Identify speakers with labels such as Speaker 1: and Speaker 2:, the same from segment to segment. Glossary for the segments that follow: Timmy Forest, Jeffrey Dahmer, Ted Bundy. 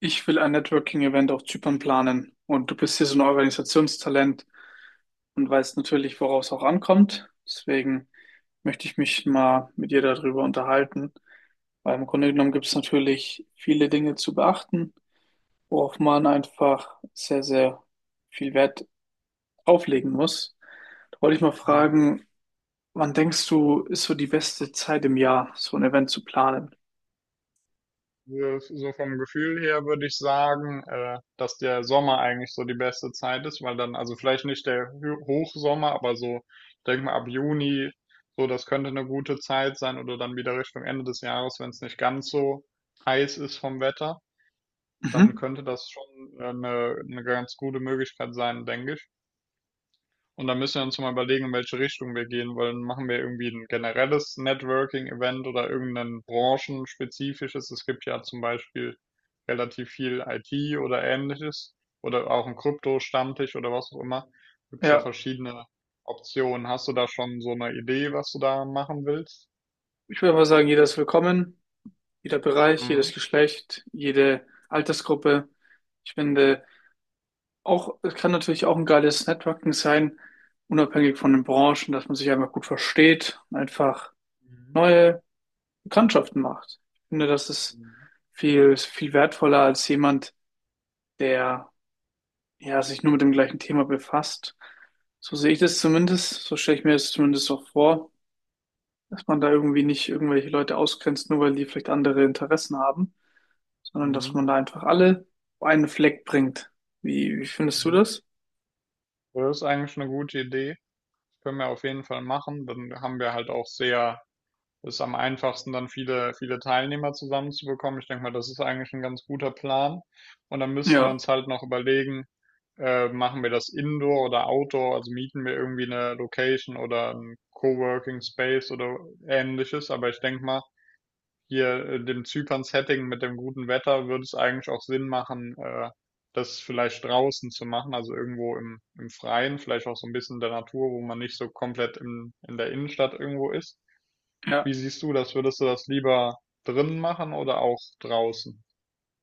Speaker 1: Ich will ein Networking-Event auf Zypern planen und du bist hier so ein Organisationstalent und weißt natürlich, worauf es auch ankommt. Deswegen möchte ich mich mal mit dir darüber unterhalten, weil im Grunde genommen gibt es natürlich viele Dinge zu beachten, worauf man einfach sehr, sehr viel Wert auflegen muss. Da wollte ich mal
Speaker 2: Mhm.
Speaker 1: fragen, wann denkst du, ist so die beste Zeit im Jahr, so ein Event zu planen?
Speaker 2: So vom Gefühl her würde ich sagen, dass der Sommer eigentlich so die beste Zeit ist, weil dann, also vielleicht nicht der Hochsommer, aber so, ich denke mal ab Juni, so das könnte eine gute Zeit sein oder dann wieder Richtung Ende des Jahres, wenn es nicht ganz so heiß ist vom Wetter, dann
Speaker 1: Mhm.
Speaker 2: könnte das schon eine ganz gute Möglichkeit sein, denke ich. Und dann müssen wir uns mal überlegen, in welche Richtung wir gehen wollen. Machen wir irgendwie ein generelles Networking-Event oder irgendein branchenspezifisches? Es gibt ja zum Beispiel relativ viel IT oder ähnliches oder auch ein Krypto-Stammtisch oder was auch immer. Gibt es ja
Speaker 1: Ja,
Speaker 2: verschiedene Optionen. Hast du da schon so eine Idee, was du da machen willst?
Speaker 1: ich würde mal sagen, jeder ist willkommen. Jeder Bereich, jedes
Speaker 2: Mhm.
Speaker 1: Geschlecht, jede Altersgruppe. Ich finde auch, es kann natürlich auch ein geiles Networking sein, unabhängig von den Branchen, dass man sich einfach gut versteht und einfach
Speaker 2: Mhm.
Speaker 1: neue Bekanntschaften macht. Ich finde, das ist
Speaker 2: Mhm.
Speaker 1: viel, viel wertvoller als jemand, der ja sich nur mit dem gleichen Thema befasst. So sehe ich das zumindest, so stelle ich mir das zumindest auch vor, dass man da irgendwie nicht irgendwelche Leute ausgrenzt, nur weil die vielleicht andere Interessen haben, sondern dass
Speaker 2: Mhm.
Speaker 1: man da einfach alle auf einen Fleck bringt. Wie, wie findest du
Speaker 2: Mhm.
Speaker 1: das?
Speaker 2: Das ist eigentlich eine gute Idee. Können wir auf jeden Fall machen. Dann haben wir halt auch sehr ist am einfachsten, dann viele Teilnehmer zusammenzubekommen. Ich denke mal, das ist eigentlich ein ganz guter Plan. Und dann müssten wir
Speaker 1: Ja,
Speaker 2: uns halt noch überlegen, machen wir das Indoor oder Outdoor, also mieten wir irgendwie eine Location oder ein Coworking Space oder ähnliches. Aber ich denke mal, hier dem Zypern-Setting mit dem guten Wetter würde es eigentlich auch Sinn machen, das vielleicht draußen zu machen, also irgendwo im Freien, vielleicht auch so ein bisschen in der Natur, wo man nicht so komplett in der Innenstadt irgendwo ist.
Speaker 1: ja.
Speaker 2: Wie siehst du das? Würdest du das lieber drinnen machen oder auch draußen?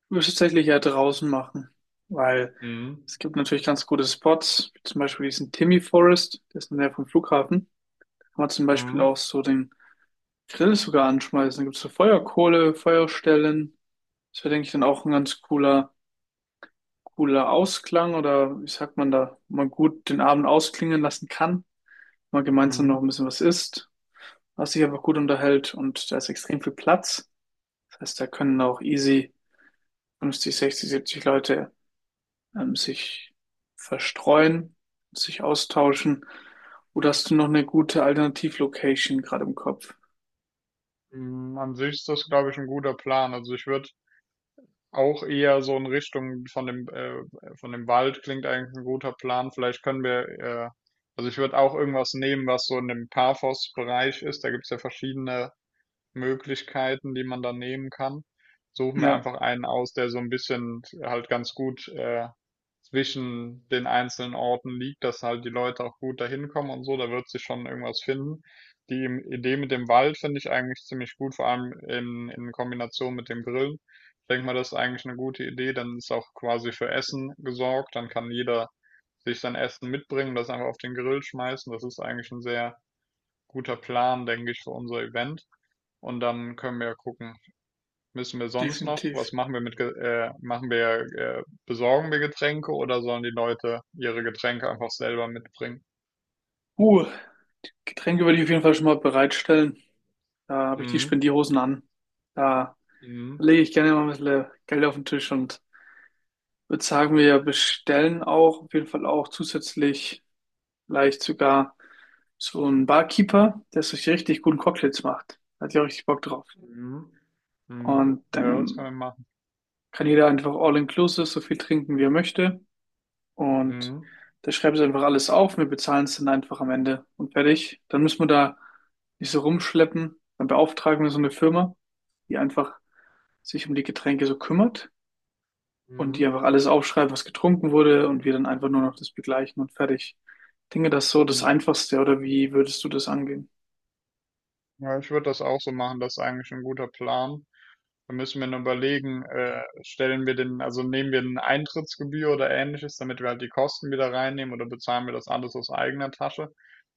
Speaker 1: Ich würde es tatsächlich ja draußen machen, weil
Speaker 2: Mhm.
Speaker 1: es gibt natürlich ganz gute Spots, wie zum Beispiel diesen Timmy Forest, der ist in der Nähe vom Flughafen. Kann man zum Beispiel
Speaker 2: Mhm.
Speaker 1: auch so den Grill sogar anschmeißen. Da gibt es so Feuerkohle, Feuerstellen. Das wäre, denke ich, dann auch ein ganz cooler, cooler Ausklang, oder wie sagt man da, wo man gut den Abend ausklingen lassen kann, wenn man gemeinsam noch
Speaker 2: Mhm.
Speaker 1: ein bisschen was isst, was sich einfach gut unterhält und da ist extrem viel Platz. Das heißt, da können auch easy 50, 60, 70 Leute sich verstreuen, sich austauschen. Oder hast du noch eine gute Alternativlocation gerade im Kopf?
Speaker 2: Mhm. An sich ist das, glaube ich, ein guter Plan. Also ich würde auch eher so in Richtung von von dem Wald klingt eigentlich ein guter Plan. Vielleicht können wir, also ich würde auch irgendwas nehmen, was so in dem Paphos-Bereich ist. Da gibt es ja verschiedene Möglichkeiten, die man dann nehmen kann. Suche mir
Speaker 1: Ja,
Speaker 2: einfach einen aus, der so ein bisschen halt ganz gut zwischen den einzelnen Orten liegt, dass halt die Leute auch gut dahin kommen und so. Da wird sich schon irgendwas finden. Die im Idee mit dem Wald finde ich eigentlich ziemlich gut, vor allem in Kombination mit dem Grillen. Ich denke mal, das ist eigentlich eine gute Idee. Dann ist auch quasi für Essen gesorgt. Dann kann jeder sich sein Essen mitbringen, das einfach auf den Grill schmeißen. Das ist eigentlich ein sehr guter Plan, denke ich, für unser Event. Und dann können wir ja gucken, müssen wir sonst noch,
Speaker 1: definitiv.
Speaker 2: was machen wir mit, besorgen wir Getränke oder sollen die Leute ihre Getränke einfach selber mitbringen?
Speaker 1: Uh, Getränke würde ich auf jeden Fall schon mal bereitstellen. Da habe ich die
Speaker 2: Mhm.
Speaker 1: Spendierhosen an. Da
Speaker 2: Mhm.
Speaker 1: lege ich gerne mal ein bisschen Geld auf den Tisch und würde sagen, wir bestellen auch auf jeden Fall auch zusätzlich. Vielleicht sogar so ein Barkeeper, der sich richtig guten Cocktails macht. Hat ja richtig Bock drauf.
Speaker 2: Mhm. Mhm.
Speaker 1: Und
Speaker 2: Ja, das
Speaker 1: dann
Speaker 2: können wir machen.
Speaker 1: kann jeder einfach all-inclusive so viel trinken, wie er möchte. Und
Speaker 2: Mhm.
Speaker 1: da schreiben sie einfach alles auf. Wir bezahlen es dann einfach am Ende und fertig. Dann müssen wir da nicht so rumschleppen. Dann beauftragen wir so eine Firma, die einfach sich um die Getränke so kümmert und die
Speaker 2: Mhm.
Speaker 1: einfach alles aufschreibt, was getrunken wurde und wir dann einfach nur noch das begleichen und fertig. Ich denke, das ist so das
Speaker 2: Mhm.
Speaker 1: Einfachste, oder wie würdest du das angehen?
Speaker 2: Ja, ich würde das auch so machen, das ist eigentlich ein guter Plan. Da müssen wir noch überlegen, stellen wir den, also nehmen wir eine Eintrittsgebühr oder ähnliches, damit wir halt die Kosten wieder reinnehmen oder bezahlen wir das alles aus eigener Tasche?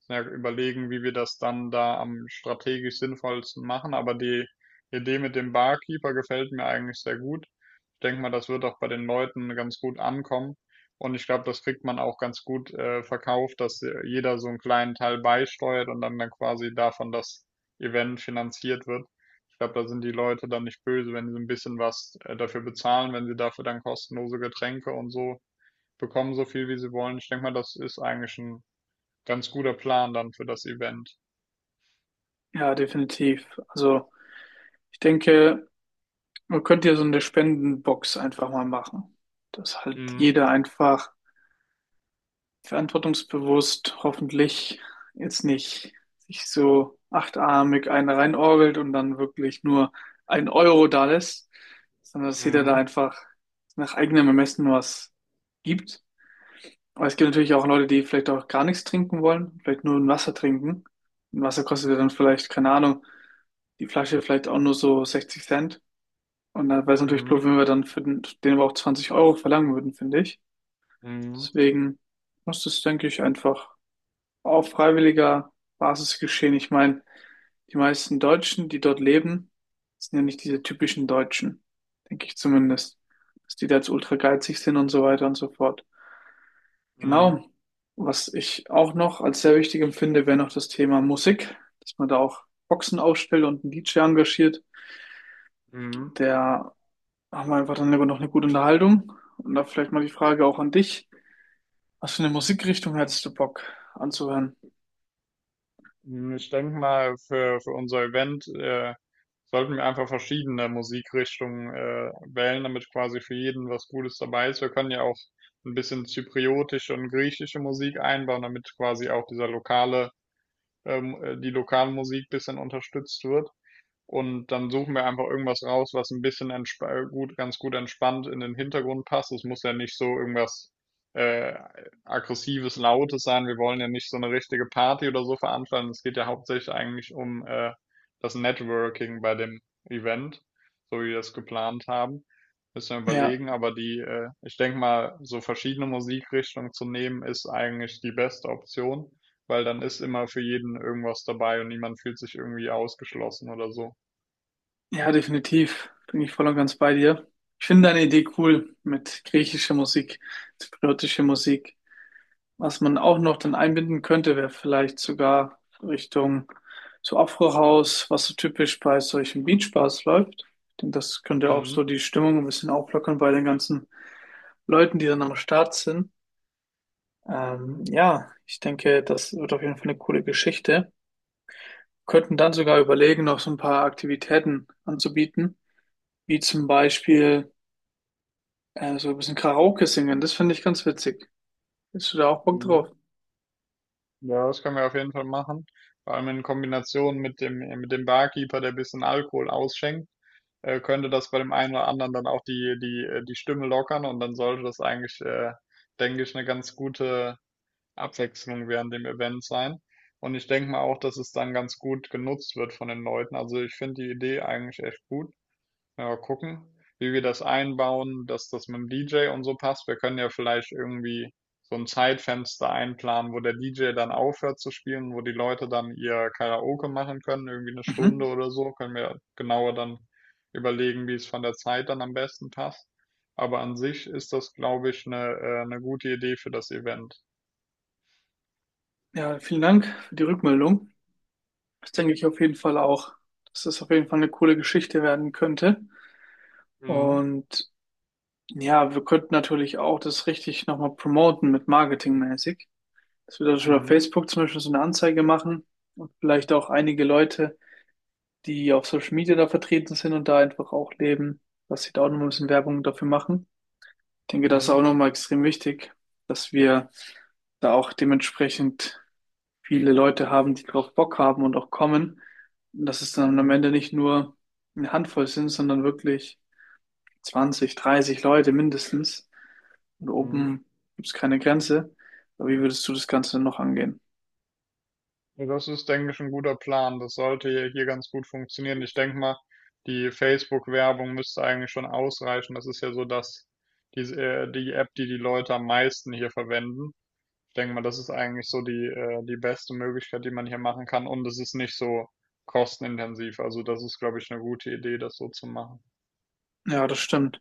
Speaker 2: Ja, überlegen, wie wir das dann da am strategisch sinnvollsten machen. Aber die Idee mit dem Barkeeper gefällt mir eigentlich sehr gut. Ich denke mal, das wird auch bei den Leuten ganz gut ankommen. Und ich glaube, das kriegt man auch ganz gut verkauft, dass jeder so einen kleinen Teil beisteuert und dann quasi davon das Event finanziert wird. Ich glaube, da sind die Leute dann nicht böse, wenn sie ein bisschen was dafür bezahlen, wenn sie dafür dann kostenlose Getränke und so bekommen, so viel wie sie wollen. Ich denke mal, das ist eigentlich ein ganz guter Plan dann für das Event.
Speaker 1: Ja, definitiv. Also ich denke, man könnte ja so eine Spendenbox einfach mal machen, dass halt
Speaker 2: Mhm.
Speaker 1: jeder einfach verantwortungsbewusst hoffentlich jetzt nicht sich so achtarmig eine reinorgelt und dann wirklich nur ein Euro da lässt, sondern dass jeder da
Speaker 2: Mhm.
Speaker 1: einfach nach eigenem Ermessen was gibt. Aber es gibt natürlich auch Leute, die vielleicht auch gar nichts trinken wollen, vielleicht nur ein Wasser trinken. Ein Wasser kostet ja dann vielleicht, keine Ahnung, die Flasche vielleicht auch nur so 60 Cent. Und da wäre es natürlich blöd,
Speaker 2: Mhm.
Speaker 1: wenn wir dann für den, den aber auch 20 € verlangen würden, finde ich.
Speaker 2: Mhm.
Speaker 1: Deswegen muss das, denke ich, einfach auf freiwilliger Basis geschehen. Ich meine, die meisten Deutschen, die dort leben, sind ja nicht diese typischen Deutschen, denke ich zumindest, dass die da jetzt ultra geizig sind und so weiter und so fort.
Speaker 2: Mhm.
Speaker 1: Genau. Was ich auch noch als sehr wichtig empfinde, wäre noch das Thema Musik, dass man da auch Boxen aufstellt und einen DJ engagiert,
Speaker 2: Mhm.
Speaker 1: der. Machen wir einfach dann lieber noch eine gute Unterhaltung. Und da vielleicht mal die Frage auch an dich. Was für eine Musikrichtung hättest du Bock anzuhören?
Speaker 2: Ich denke mal, für unser Event sollten wir einfach verschiedene Musikrichtungen wählen, damit quasi für jeden was Gutes dabei ist. Wir können ja auch ein bisschen zypriotische und griechische Musik einbauen, damit quasi auch dieser lokale, die lokale Musik ein bisschen unterstützt wird. Und dann suchen wir einfach irgendwas raus, was ein bisschen ganz gut entspannt in den Hintergrund passt. Es muss ja nicht so irgendwas äh, aggressives, lautes sein. Wir wollen ja nicht so eine richtige Party oder so veranstalten. Es geht ja hauptsächlich eigentlich um das Networking bei dem Event, so wie wir es geplant haben. Müssen wir
Speaker 1: Ja,
Speaker 2: überlegen, aber ich denke mal, so verschiedene Musikrichtungen zu nehmen, ist eigentlich die beste Option, weil dann ist immer für jeden irgendwas dabei und niemand fühlt sich irgendwie ausgeschlossen oder so.
Speaker 1: ja, definitiv. Bin ich voll und ganz bei dir. Ich finde deine Idee cool mit griechischer Musik, zypriotischer Musik. Was man auch noch dann einbinden könnte, wäre vielleicht sogar Richtung so Afro-House, was so typisch bei solchen Beach-Bars läuft. Ich denke, das könnte auch so
Speaker 2: Mhm.
Speaker 1: die Stimmung ein bisschen auflockern bei den ganzen Leuten, die dann am Start sind.
Speaker 2: Mhm.
Speaker 1: Ja, ich denke, das wird auf jeden Fall eine coole Geschichte. Könnten dann sogar überlegen, noch so ein paar Aktivitäten anzubieten, wie zum Beispiel so ein bisschen Karaoke singen. Das finde ich ganz witzig. Bist du da auch Bock
Speaker 2: Mhm.
Speaker 1: drauf?
Speaker 2: Ja, das können wir auf jeden Fall machen. Vor allem in Kombination mit mit dem Barkeeper, der ein bisschen Alkohol ausschenkt, könnte das bei dem einen oder anderen dann auch die Stimme lockern und dann sollte das eigentlich, denke ich, eine ganz gute Abwechslung während dem Event sein. Und ich denke mal auch, dass es dann ganz gut genutzt wird von den Leuten. Also ich finde die Idee eigentlich echt gut. Ja, gucken, wie wir das einbauen, dass das mit dem DJ und so passt. Wir können ja vielleicht irgendwie so ein Zeitfenster einplanen, wo der DJ dann aufhört zu spielen, wo die Leute dann ihr Karaoke machen können, irgendwie eine
Speaker 1: Mhm.
Speaker 2: Stunde oder so. Können wir genauer dann überlegen, wie es von der Zeit dann am besten passt. Aber an sich ist das, glaube ich, eine gute Idee für das Event.
Speaker 1: Ja, vielen Dank für die Rückmeldung. Das denke ich auf jeden Fall auch, dass das auf jeden Fall eine coole Geschichte werden könnte.
Speaker 2: Mhm.
Speaker 1: Und ja, wir könnten natürlich auch das richtig nochmal promoten mit marketingmäßig. Dass wir da schon auf
Speaker 2: Mhm.
Speaker 1: Facebook zum Beispiel so eine Anzeige machen und vielleicht auch einige Leute, die auf Social Media da vertreten sind und da einfach auch leben, dass sie da auch noch mal ein bisschen Werbung dafür machen. Ich denke, das ist
Speaker 2: Mhm.
Speaker 1: auch nochmal extrem wichtig, dass wir da auch dementsprechend viele Leute haben, die drauf Bock haben und auch kommen. Und dass es dann am
Speaker 2: Mhm.
Speaker 1: Ende nicht nur eine Handvoll sind, sondern wirklich 20, 30 Leute mindestens. Und
Speaker 2: Mhm.
Speaker 1: oben gibt es keine Grenze. Aber wie würdest du das Ganze noch angehen?
Speaker 2: Das ist, denke ich, ein guter Plan. Das sollte ja hier ganz gut funktionieren. Ich denke mal, die Facebook-Werbung müsste eigentlich schon ausreichen. Das ist ja so, dass die App, die die Leute am meisten hier verwenden. Ich denke mal, das ist eigentlich so die beste Möglichkeit, die man hier machen kann. Und es ist nicht so kostenintensiv. Also das ist, glaube ich, eine gute Idee, das so zu machen.
Speaker 1: Ja, das stimmt.